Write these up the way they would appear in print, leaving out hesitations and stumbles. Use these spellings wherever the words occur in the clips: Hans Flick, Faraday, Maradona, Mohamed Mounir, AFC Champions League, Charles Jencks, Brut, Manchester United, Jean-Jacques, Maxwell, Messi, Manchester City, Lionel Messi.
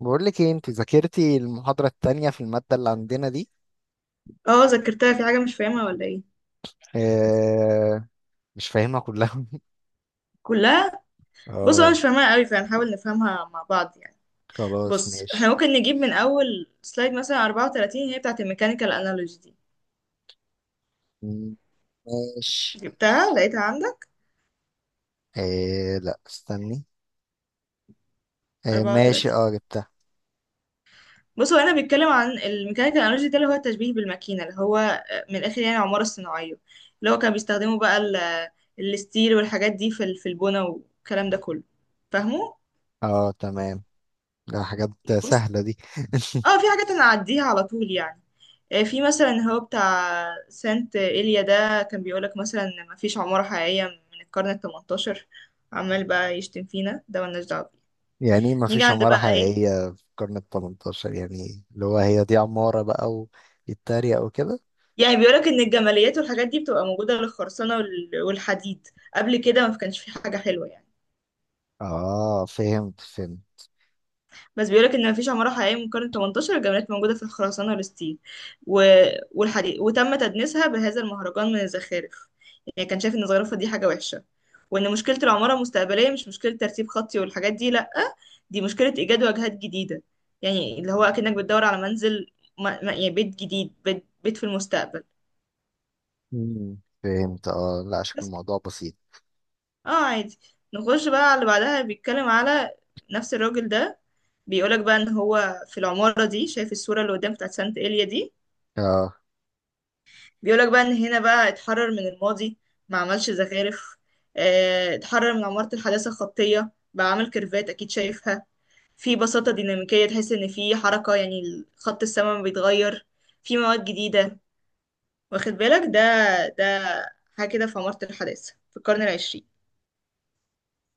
بقول لك ايه؟ انت ذاكرتي المحاضرة التانية في المادة اللي عندنا دي؟ اه، ذاكرتها في حاجة مش فاهمها ولا ايه؟ اه، مش فاهمها كلها. كلها. بص انا اه. مش فاهمها قوي فهنحاول نفهمها مع بعض يعني. خلاص بص احنا ماشي. ممكن نجيب من اول سلايد مثلا 34، هي بتاعت الميكانيكال انالوجي دي. مم، ماشي. جبتها لقيتها عندك. اه لا، استني. اه ماشي، 34. اه جبتها. بص هو هنا بيتكلم عن الميكانيكال انالوجي ده اللي هو التشبيه بالماكينة اللي هو من الاخر يعني العمارة الصناعية، اللي هو كانوا بيستخدموا بقى الستيل والحاجات دي في البنا والكلام ده كله، فاهمه. اه تمام، ده حاجات بص سهلة دي. اه في حاجات انا اعديها على طول يعني. في مثلا هو بتاع سانت إيليا ده، كان بيقولك مثلا إن مفيش عمارة حقيقية من القرن التمنتاشر، عمال بقى يشتم فينا، ده ملناش دعوة بيه. يعني ما نيجي فيش عند عمارة بقى ايه، حقيقية في القرن التمنتاشر؟ يعني اللي هو هي دي عمارة بقى ويتريق وكده. يعني بيقولك إن الجماليات والحاجات دي بتبقى موجودة للخرسانة والحديد، قبل كده ما كانش في حاجة حلوة يعني. اه فهمت فهمت. بس بيقولك ان مفيش عمارة حقيقية من القرن 18، الجمالات موجودة في الخرسانة والستيل و... والحديد، وتم تدنيسها بهذا المهرجان من الزخارف. يعني كان شايف ان الزخرفة دي حاجة وحشة، وان مشكلة العمارة المستقبلية مش مشكلة ترتيب خطي والحاجات دي، لأ، دي مشكلة ايجاد واجهات جديدة. يعني اللي هو اكنك بتدور على منزل، ما... ما... يعني بيت جديد، بيت في المستقبل. فهمت. اه لا، شكل بس. الموضوع بسيط. اه عادي. نخش بقى على اللي بعدها، بيتكلم على نفس الراجل ده. بيقولك بقى ان هو في العمارة دي شايف الصورة اللي قدام بتاعت سانت إيليا دي، اه بيقولك بقى ان هنا بقى اتحرر من الماضي، ما عملش زخارف، اتحرر من عمارة الحداثة الخطية، بقى عامل كيرفات اكيد شايفها، في بساطة ديناميكية، تحس ان في حركة، يعني خط السماء بيتغير، في مواد جديدة، واخد بالك ده؟ ده حاجة كده في عمارة الحداثة في القرن العشرين.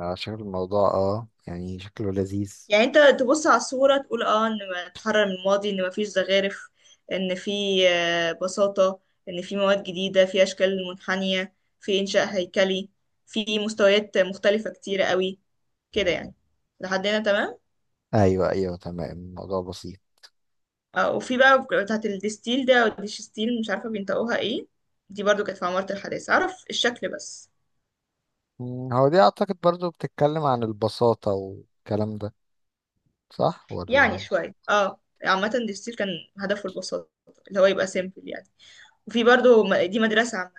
شكل الموضوع، اه يعني شكله لذيذ. يعني انت تبص على الصورة تقول اه ان ما اتحرر من الماضي، ان ما فيش زخارف، ان في بساطة، ان في مواد جديدة، في اشكال منحنية، في انشاء هيكلي، في مستويات مختلفة كتيرة قوي، كده يعني. لحد هنا تمام. ايوه ايوه، تمام، الموضوع بسيط. اه، وفي بقى بتاعة الدستيل ده او الديشستيل، مش عارفة بينطقوها ايه، دي برضو كانت في عمارة الحداثة، اعرف الشكل بس. مم، هو دي اعتقد برضو بتتكلم عن البساطة والكلام ده، صح يعني ولا؟ شوية اه، عامة الدستيل كان هدفه البساطة، اللي هو يبقى سيمبل يعني. وفي برضو دي مدرسة،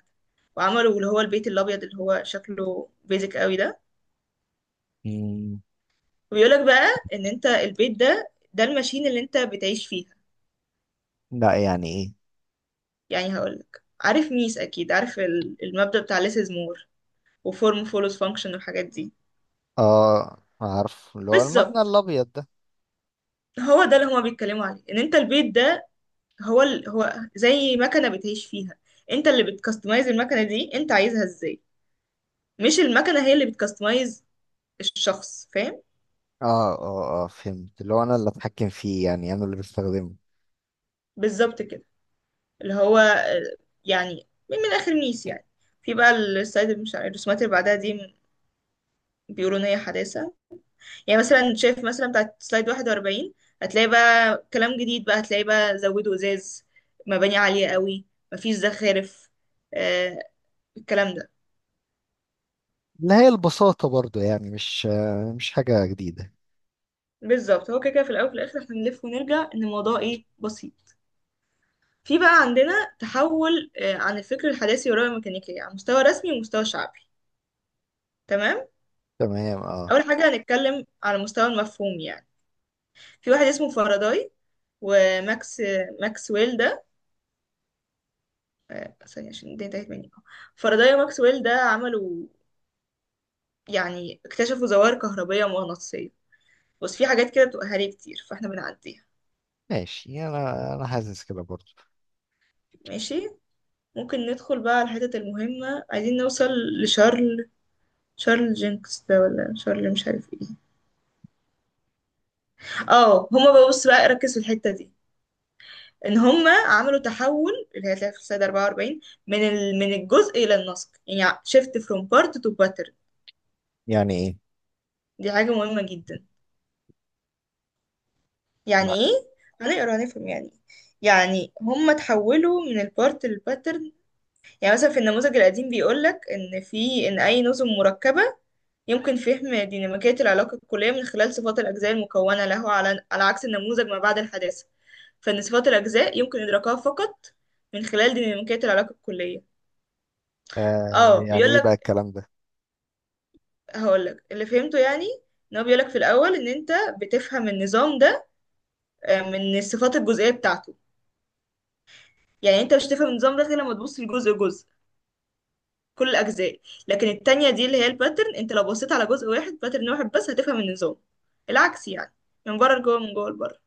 وعملوا اللي هو البيت الابيض اللي هو شكله بيزك قوي ده. مم. وبيقولك بقى ان انت البيت ده، ده الماشين اللي انت بتعيش فيها. لا، يعني ايه؟ يعني هقولك، عارف ميس اكيد، عارف المبدأ بتاع less is more، وفورم follows function والحاجات دي. اه عارف، اللي هو المبنى بالظبط، الابيض ده. هو ده اللي هما بيتكلموا عليه، ان انت البيت ده هو زي مكنه بتعيش فيها. انت اللي بتكستمايز المكنه دي انت عايزها ازاي، مش المكنه هي اللي بتكستمايز الشخص، فاهم؟ اه. اه فهمت، اللي هو انا اللي اتحكم فيه، يعني انا اللي بستخدمه. بالظبط كده. اللي هو يعني من اخر ميس يعني. في بقى السلايد اللي مش عارف الرسومات اللي بعدها دي، بيقولوا ان هي حداثه، يعني مثلا شايف مثلا بتاعت سلايد 41، هتلاقي بقى كلام جديد، بقى هتلاقي بقى زودوا ازاز، مباني عاليه قوي، مفيش زخارف، آه الكلام ده. اللي هي البساطة برضو، يعني مش مش حاجة جديدة. بالظبط، هو كده كده في الاول وفي الاخر احنا بنلف ونرجع ان الموضوع ايه، بسيط. في بقى عندنا تحول عن الفكر الحداثي والرؤية الميكانيكية على مستوى رسمي ومستوى شعبي، تمام. تمام اه. أول حاجة هنتكلم على مستوى المفهوم يعني. في واحد اسمه فاراداي وماكس ماكسويل ده. ثانية عشان الدنيا انتهت مني. فاراداي وماكسويل ده عملوا، يعني اكتشفوا ظواهر كهربية مغناطيسية، بس في حاجات كده بتبقى هري كتير فاحنا بنعديها. ماشي، انا حاسس كده برضو. ماشي. ممكن ندخل بقى على الحتت المهمة، عايزين نوصل لشارل، شارل جينكس ده ولا شارل مش عارف ايه. اه هما بقى، بص بقى ركز في الحتة دي، ان هما عملوا تحول اللي هي هتلاقيها في السلايد 44، من الجزء الى النسق، يعني shift from part to pattern. يعني ايه؟ دي حاجة مهمة جدا. يعني ما- ايه؟ هنقرا نفهم يعني. يعني هم تحولوا من البارت للباترن. يعني مثلا في النموذج القديم بيقول لك ان اي نظم مركبه يمكن فهم ديناميكيه العلاقه الكليه من خلال صفات الاجزاء المكونه له، على عكس النموذج ما بعد الحداثه، فان صفات الاجزاء يمكن ادراكها فقط من خلال ديناميكيه العلاقه الكليه. آه اه يعني بيقول ايه بقى لك، الكلام ده؟ هقول لك اللي فهمته يعني. ان هو بيقول لك في الاول ان انت بتفهم النظام ده من الصفات الجزئيه بتاعته. يعني انت مش هتفهم النظام ده غير لما تبص لجزء جزء، كل الاجزاء. لكن التانية دي اللي هي الباترن، انت لو بصيت على جزء واحد، باترن واحد بس، هتفهم النظام، العكس يعني، من بره لجوه، من جوه لبره.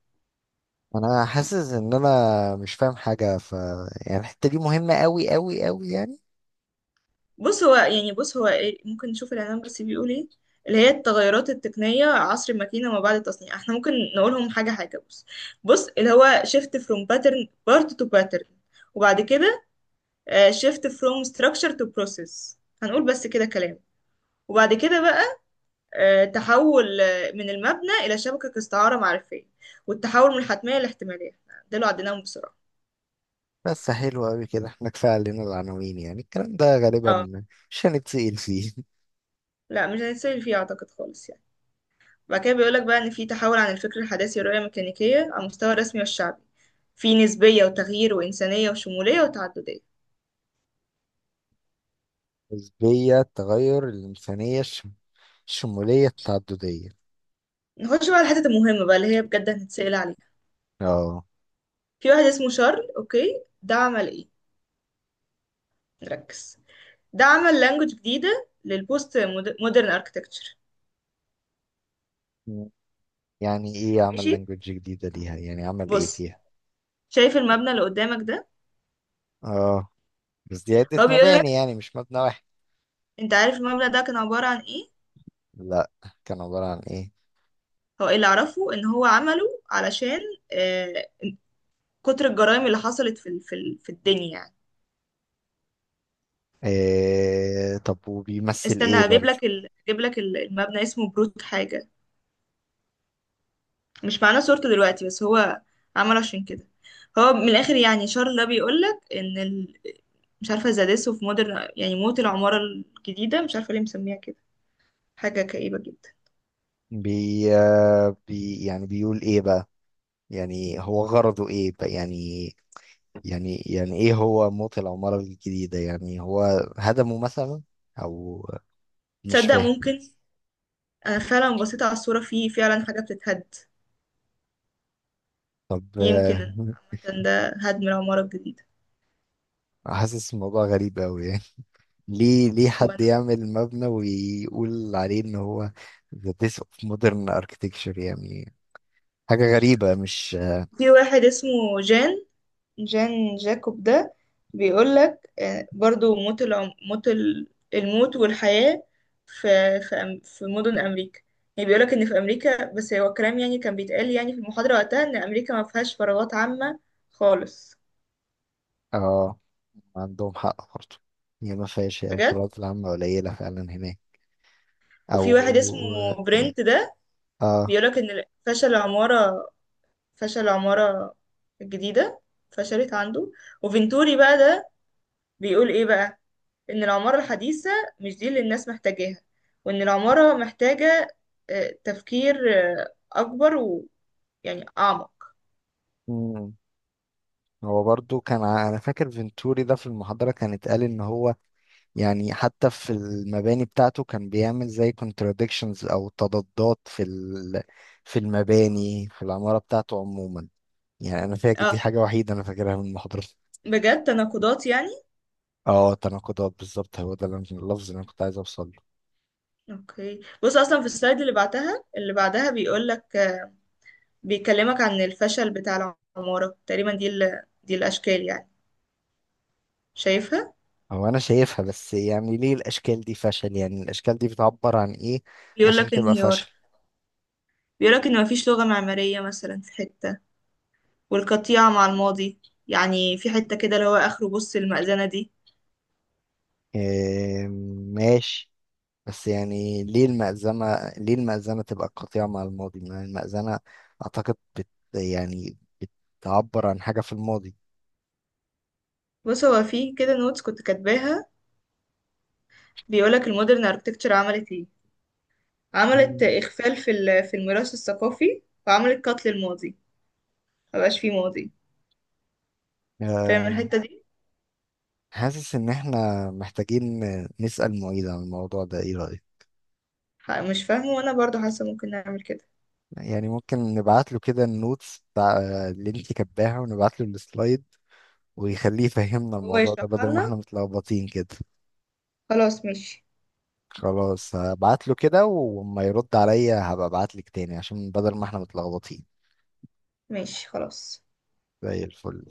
انا حاسس ان انا مش فاهم حاجه، ف يعني الحته دي مهمه قوي قوي قوي يعني. بص هو يعني، بص هو ايه، ممكن نشوف الاعلان بس بيقول ايه. اللي هي التغيرات التقنية عصر الماكينة وما بعد التصنيع، احنا ممكن نقولهم حاجة حاجة. بص، بص اللي هو shift from pattern part to pattern، وبعد كده shift from structure to process، هنقول بس كده كلام. وبعد كده بقى تحول من المبنى إلى شبكة استعارة معرفية، والتحول من الحتمية للاحتمالية، ده اللي عديناهم بسرعة. بس حلو قوي كده، احنا كفايه علينا العناوين، يعني الكلام ده اه، غالبا مش هنتسأل فيه. لا مش هنتسال فيه أعتقد، خالص يعني. بعد كده بيقولك بقى إن في تحول عن الفكر الحداثي والرؤية الميكانيكية على المستوى الرسمي والشعبي، في نسبية وتغيير وإنسانية وشمولية وتعددية. نسبيه، التغير، الانسانيه، الشموليه، التعدديه. نخش بقى على الحتت المهمة بقى اللي هي بجد هنتسأل عليها. اه. في واحد اسمه شارل، أوكي، ده عمل إيه؟ ركز. ده عمل لانجوج جديدة للبوست مودرن اركتكتشر. يعني ايه عمل ماشي، لانجوج جديده ليها؟ يعني عمل ايه بص، فيها؟ شايف المبنى اللي قدامك ده؟ اه. بس دي عده هو بيقول مباني، لك، يعني مش مبنى واحد. انت عارف المبنى ده كان عبارة عن ايه؟ لا. كان عباره عن ايه؟ هو اللي اعرفه ان هو عمله علشان آه، كتر الجرائم اللي حصلت في الدنيا يعني. إيه... طب وبيمثل استنى ايه هجيب برضه؟ لك المبنى اسمه بروت حاجة، مش معانا صورته دلوقتي، بس هو عمله عشان كده. هو من الاخر يعني شارل ده بيقول لك ان مش عارفة زادسو في مودرن، يعني موت العمارة الجديدة، مش عارفة ليه مسميها كده، حاجة كئيبة جدا. بي, بي، يعني بيقول ايه بقى؟ يعني هو غرضه ايه بقى؟ يعني يعني ايه هو موت العمارة الجديدة؟ يعني هو هدمه مثلا او مش تصدق فاهم. ممكن، انا فعلا بصيت على الصورة في فعلا حاجة بتتهد. طب يمكن. عامة ده هدم العمارة الجديدة. حاسس الموضوع غريب قوي يعني. ليه حد وانا. يعمل مبنى ويقول عليه ان هو the death of modern architecture؟ يعني حاجة غريبة، مش؟ في واحد اسمه جان جان جاكوب ده، بيقولك برضو موت الموت والحياة في في مدن أمريكا. يعني بيقولك إن في أمريكا، بس هو كلام يعني كان بيتقال يعني في المحاضرة وقتها، إن أمريكا ما فيهاش فراغات عامة خالص. اه، عندهم حق برضه. هي ما فيهاش، هي بجد. الفروقات العامة قليلة فعلا هناك. وفي أو واحد اسمه برنت ده، اه. بيقولك إن فشل فشل العمارة الجديدة، فشلت عنده. وفينتوري بقى ده بيقول ايه بقى، ان العمارة الحديثة مش دي اللي الناس محتاجاها، وان العمارة محتاجة تفكير اكبر، ويعني اعمق. مم. هو برضو كان انا فاكر فينتوري ده في المحاضرة كان اتقال ان هو، يعني حتى في المباني بتاعته كان بيعمل زي contradictions او تضادات في ال... في المباني في العمارة بتاعته عموما. يعني انا فاكر دي اه حاجة وحيدة انا فاكرها من المحاضرة. بجد، تناقضات يعني. اه تناقضات بالظبط، هو ده اللي اللفظ اللي انا كنت عايز اوصل له. اوكي، بص اصلا في السلايد اللي بعتها اللي بعدها بيقول لك، بيكلمك عن الفشل بتاع العمارة تقريبا، دي الاشكال يعني، شايفها. هو انا شايفها، بس يعني ليه الاشكال دي فشل؟ يعني الاشكال دي بتعبر عن ايه بيقول عشان لك تبقى انهيار، فشل؟ بيقول لك ان مفيش لغة معمارية مثلا في حتة، والقطيعة مع الماضي. يعني في حتة كده اللي هو اخره، بص المأذنة دي. إيه ماشي، بس يعني ليه المأذنة، ليه المأذنة تبقى قطيعة مع الماضي؟ ما المأذنة أعتقد بت يعني بتعبر عن حاجة في الماضي. بص هو في كده نوتس كنت كاتباها، بيقولك المودرن اركتكتشر عملت ايه، عملت مم. اخفال في الميراث الثقافي، وعملت قتل الماضي، مبقاش فيه ماضي، فاهم آه، الحتة دي؟ حاسس إن إحنا محتاجين نسأل معيد عن الموضوع ده، إيه رأيك؟ مش فاهمه، وانا برضو حاسة ممكن نعمل كده، يعني ممكن نبعت له كده النوتس بتاع اللي أنت كاتباها، ونبعت له السلايد، ويخليه يفهمنا هو الموضوع ده، يشرحها بدل ما لنا. إحنا متلخبطين كده. خلاص ماشي. خلاص هبعت له كده، وما يرد عليا هبقى ابعت لك تاني، عشان بدل ما إحنا متلخبطين. ماشي خلاص. زي الفل.